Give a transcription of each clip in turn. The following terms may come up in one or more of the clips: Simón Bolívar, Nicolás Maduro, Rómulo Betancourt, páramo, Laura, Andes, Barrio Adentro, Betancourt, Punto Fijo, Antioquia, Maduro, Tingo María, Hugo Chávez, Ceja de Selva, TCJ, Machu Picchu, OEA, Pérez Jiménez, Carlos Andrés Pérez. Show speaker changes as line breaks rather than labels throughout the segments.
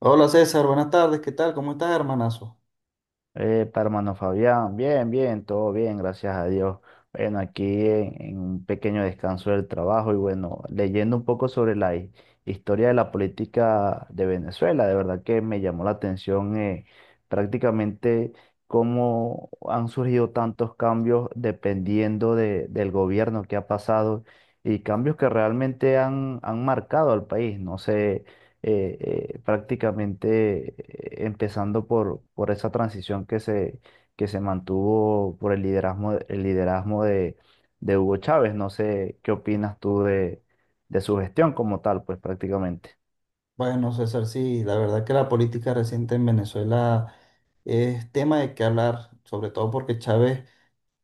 Hola César, buenas tardes, ¿qué tal? ¿Cómo estás, hermanazo?
Epa, hermano Fabián, bien, bien, todo bien, gracias a Dios. Bueno, aquí en un pequeño descanso del trabajo y bueno, leyendo un poco sobre la historia de la política de Venezuela, de verdad que me llamó la atención prácticamente cómo han surgido tantos cambios dependiendo del gobierno que ha pasado y cambios que realmente han marcado al país. No sé. eh, Prácticamente, empezando por esa transición que se mantuvo por el liderazgo de Hugo Chávez. No sé qué opinas tú de su gestión como tal, pues prácticamente.
Bueno, César, sí, la verdad que la política reciente en Venezuela es tema de qué hablar, sobre todo porque Chávez,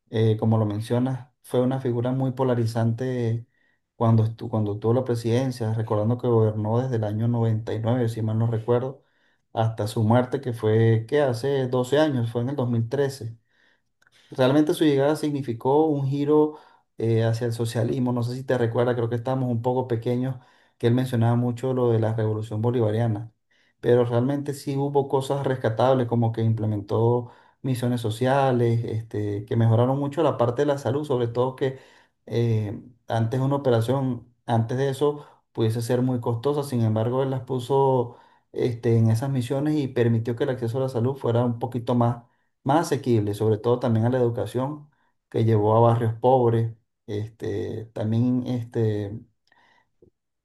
como lo mencionas, fue una figura muy polarizante cuando, cuando tuvo la presidencia, recordando que gobernó desde el año 99, si mal no recuerdo, hasta su muerte, que fue, ¿qué? Hace 12 años, fue en el 2013. Realmente su llegada significó un giro hacia el socialismo. No sé si te recuerdas, creo que estábamos un poco pequeños, que él mencionaba mucho lo de la revolución bolivariana. Pero realmente sí hubo cosas rescatables, como que implementó misiones sociales, este, que mejoraron mucho la parte de la salud, sobre todo que eh, antes una operación, antes de eso, pudiese ser muy costosa. Sin embargo, él las puso este, en esas misiones y permitió que el acceso a la salud fuera un poquito más asequible, sobre todo también a la educación que llevó a barrios pobres. Este, también este,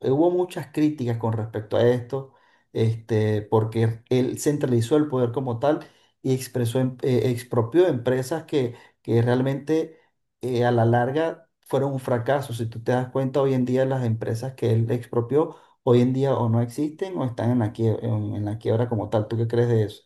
hubo muchas críticas con respecto a esto, este, porque él centralizó el poder como tal y expropió empresas que realmente a la larga fueron un fracaso. Si tú te das cuenta, hoy en día las empresas que él expropió, hoy en día o no existen o están en la quie- en la quiebra como tal. ¿Tú qué crees de eso?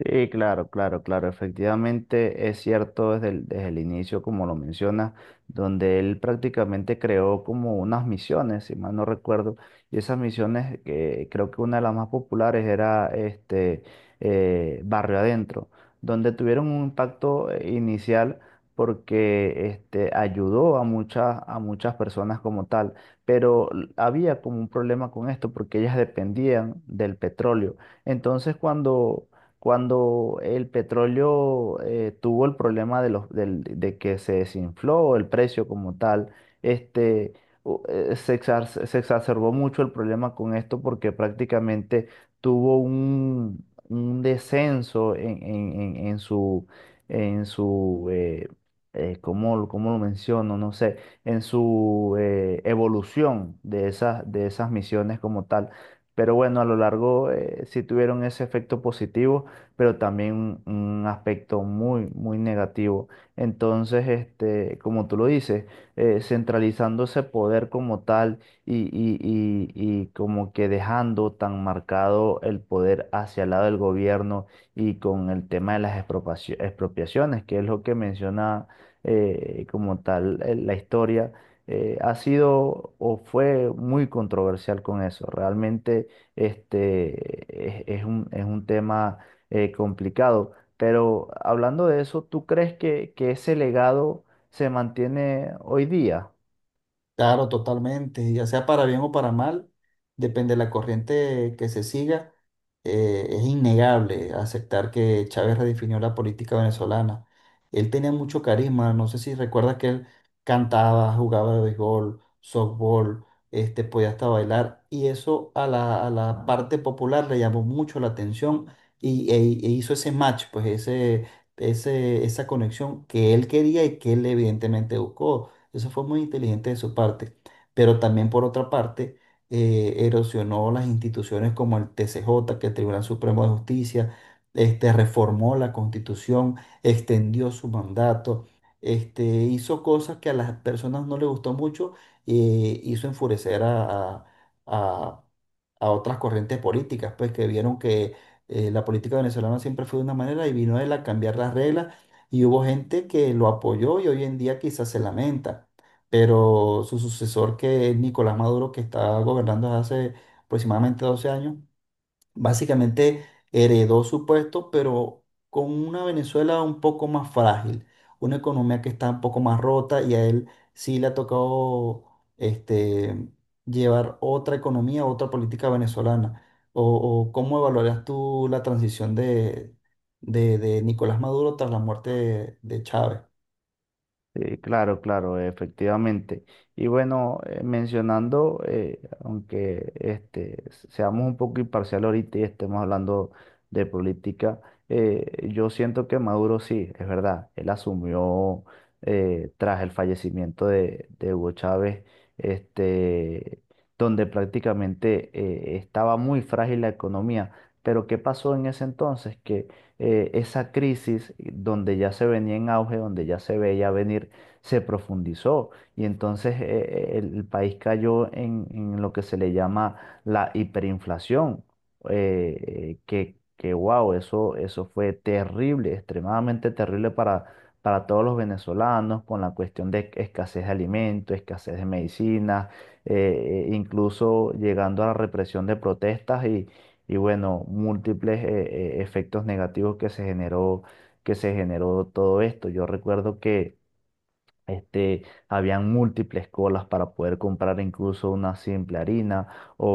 Sí, claro, claro, claro. Efectivamente es cierto desde desde el inicio, como lo mencionas, donde él prácticamente creó como unas misiones, si mal no recuerdo, y esas misiones, creo que una de las más populares era Barrio Adentro, donde tuvieron un impacto inicial porque este, ayudó a a muchas personas como tal, pero había como un problema con esto porque ellas dependían del petróleo. Entonces, cuando el petróleo tuvo el problema de que se desinfló el precio como tal, este, se exacerbó mucho el problema con esto porque prácticamente tuvo un descenso en su cómo lo menciono? No sé, en su evolución de de esas misiones como tal. Pero bueno, a lo largo, sí tuvieron ese efecto positivo, pero también un, un aspecto muy negativo. Entonces, este, como tú lo dices, centralizando ese poder como tal y, y como que dejando tan marcado el poder hacia el lado del gobierno y con el tema de las expropiaciones, que es lo que menciona como tal, la historia ha sido o fue muy controversial con eso. Realmente este, es es un tema complicado. Pero hablando de eso, ¿tú crees que ese legado se mantiene hoy día?
Claro, totalmente, ya sea para bien o para mal, depende de la corriente que se siga, es innegable aceptar que Chávez redefinió la política venezolana. Él tenía mucho carisma, no sé si recuerdas que él cantaba, jugaba de béisbol, softball, este, podía hasta bailar, y eso a a la parte popular le llamó mucho la atención e hizo ese match, pues esa conexión que él quería y que él evidentemente buscó. Eso fue muy inteligente de su parte. Pero también por otra parte, erosionó las instituciones como el TCJ, que es el Tribunal Supremo de Justicia, este, reformó la Constitución, extendió su mandato, este, hizo cosas que a las personas no les gustó mucho y hizo enfurecer a- a otras corrientes políticas, pues que vieron que la política venezolana siempre fue de una manera y vino él a cambiar las reglas y hubo gente que lo apoyó y hoy en día quizás se lamenta. Pero su sucesor, que es Nicolás Maduro, que está gobernando desde hace aproximadamente 12 años, básicamente heredó su puesto, pero con una Venezuela un poco más frágil, una economía que está un poco más rota y a él sí le ha tocado este, llevar otra economía, otra política venezolana. ¿O, o cómo evaluarías tú la transición de Nicolás Maduro tras la muerte de Chávez?
Sí, claro, claro, efectivamente. Y bueno, mencionando, aunque este, seamos un poco imparcial ahorita y estemos hablando de política, yo siento que Maduro sí, es verdad, él asumió tras el fallecimiento de Hugo Chávez, este, donde prácticamente estaba muy frágil la economía. Pero ¿qué pasó en ese entonces? Esa crisis donde ya se venía en auge, donde ya se veía venir, se profundizó, y entonces el país cayó en lo que se le llama la hiperinflación, que wow, eso fue terrible, extremadamente terrible para todos los venezolanos, con la cuestión de escasez de alimentos, escasez de medicinas, incluso llegando a la represión de protestas. Y y bueno, múltiples efectos negativos que se que se generó todo esto. Yo recuerdo que este, habían múltiples colas para poder comprar incluso una simple harina, o, o-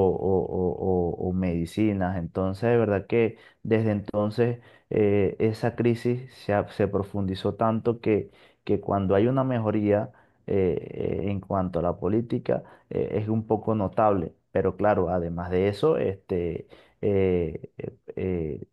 o medicinas. Entonces, de verdad que desde entonces, esa crisis se profundizó tanto que cuando hay una mejoría en cuanto a la política es un poco notable. Pero claro, además de eso, este, eh, eh, eh,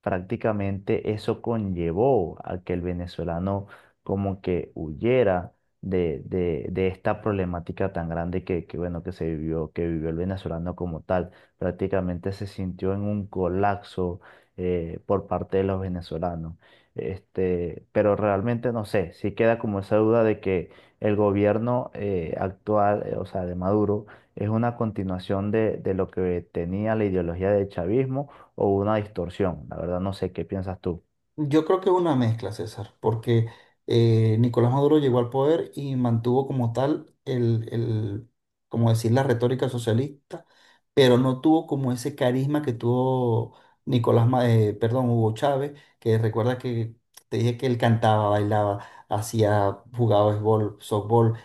prácticamente eso conllevó a que el venezolano como que huyera de esta problemática tan grande bueno, que vivió el venezolano como tal. Prácticamente se sintió en un colapso por parte de los venezolanos. Este, pero realmente no sé, sí queda como esa duda de que el gobierno actual, o sea, de Maduro, es una continuación de lo que tenía la ideología del chavismo o una distorsión. La verdad no sé qué piensas tú.
Yo creo que una mezcla, César, porque Nicolás Maduro llegó al poder y mantuvo como tal como decir, la retórica socialista, pero no tuvo como ese carisma que tuvo perdón, Hugo Chávez, que recuerda que te dije que él cantaba, bailaba, hacía, jugaba béisbol, softball,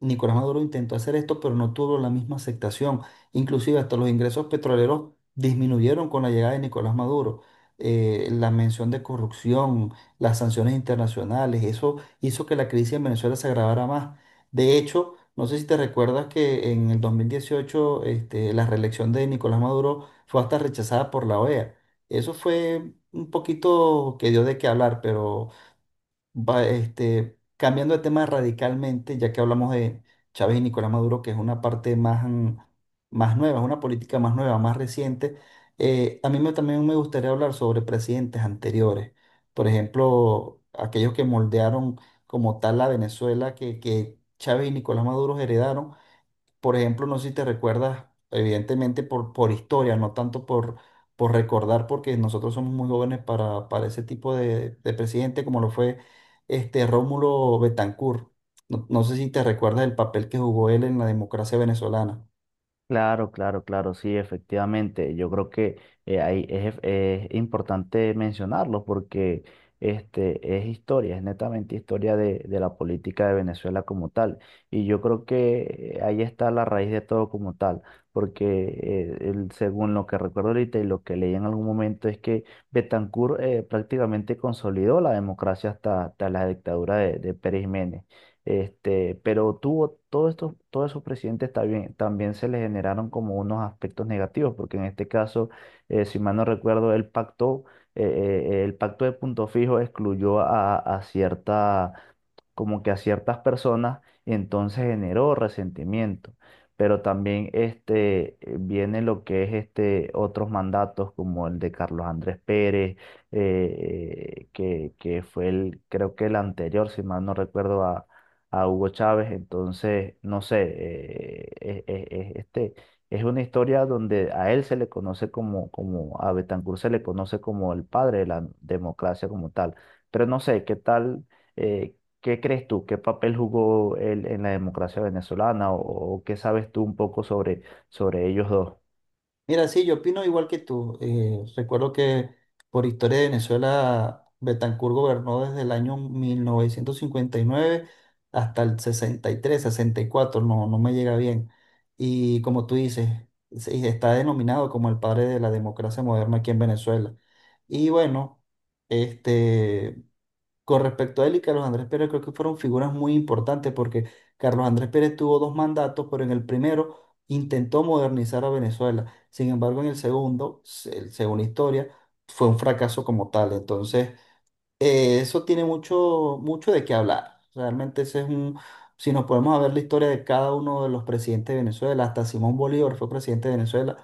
Nicolás Maduro intentó hacer esto, pero no tuvo la misma aceptación. Inclusive hasta los ingresos petroleros disminuyeron con la llegada de Nicolás Maduro. La mención de corrupción, las sanciones internacionales, eso hizo que la crisis en Venezuela se agravara más. De hecho, no sé si te recuerdas que en el 2018 este, la reelección de Nicolás Maduro fue hasta rechazada por la OEA. Eso fue un poquito que dio de qué hablar, pero va, este, cambiando de tema radicalmente, ya que hablamos de Chávez y Nicolás Maduro, que es una parte más, mm, más nueva, es una política más nueva, más reciente, a mí también me gustaría hablar sobre presidentes anteriores, por ejemplo, aquellos que moldearon como tal la Venezuela que Chávez y Nicolás Maduro heredaron por ejemplo, no sé si te recuerdas, evidentemente por historia, no tanto por recordar, porque nosotros somos muy jóvenes para ese tipo de presidente, como lo fue este Rómulo Betancourt. No sé si te recuerdas el papel que jugó él en la democracia venezolana.
Claro, claro, claro, sí, efectivamente. Yo creo que es importante mencionarlo porque este, es historia, es netamente historia de la política de Venezuela como tal. Y yo creo que ahí está la raíz de todo como tal, porque según lo que recuerdo ahorita y lo que leí en algún momento es que Betancourt prácticamente consolidó la democracia hasta, hasta la dictadura de Pérez Jiménez. Este, pero tuvo todos estos, todos esos presidentes también, también se le generaron como unos aspectos negativos, porque en este caso, si mal no recuerdo, el pacto de Punto Fijo excluyó a cierta, como que a ciertas personas, entonces generó resentimiento. Pero también este, viene lo que es este, otros mandatos, como el de Carlos Andrés Pérez, eh, que fue el, creo que el anterior, si mal no recuerdo, a Hugo Chávez. Entonces, no sé, este, es una historia donde a él se le conoce a Betancourt se le conoce como el padre de la democracia como tal. Pero no sé, ¿qué tal? eh, ¿Qué crees tú? ¿Qué papel jugó él en la democracia venezolana? O qué sabes tú un poco sobre, sobre ellos dos?
Mira, sí, yo opino igual que tú. Recuerdo que por historia de Venezuela, Betancur gobernó desde el año 1959 hasta el sesenta sesenta y tres sesenta y cuatro no, no me llega bien. Y como tú dices, sí, está denominado como el padre de la democracia moderna aquí en Venezuela. Y bueno, este, con respecto a él y Carlos Andrés Pérez, creo que fueron figuras muy importantes porque Carlos Andrés Pérez tuvo dos mandatos, pero en el primero intentó modernizar a Venezuela. Sin embargo, en el segundo, según la historia, fue un fracaso como tal. Entonces, eso tiene mucho, mucho de qué hablar. Realmente ese es un, si nos podemos a ver la historia de cada uno de los presidentes de Venezuela, hasta Simón Bolívar fue presidente de Venezuela,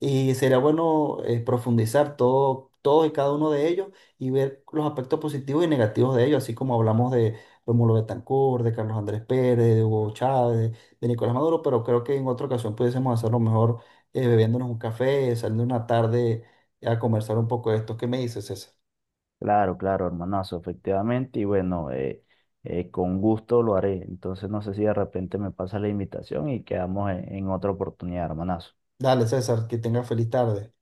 y sería bueno profundizar todo, todo y cada uno de ellos y ver los aspectos positivos y negativos de ellos, así como hablamos de Rómulo Betancourt, de Carlos Andrés Pérez, de Hugo Chávez, de Nicolás Maduro, pero creo que en otra ocasión pudiésemos hacerlo mejor bebiéndonos un café, saliendo una tarde a conversar un poco de esto. ¿Qué me dices, César?
Claro, claro, hermanazo, efectivamente. Y bueno, con gusto lo haré. Entonces no sé si de repente me pasa la invitación y quedamos en otra oportunidad, hermanazo.
Dale, César, que tenga feliz tarde.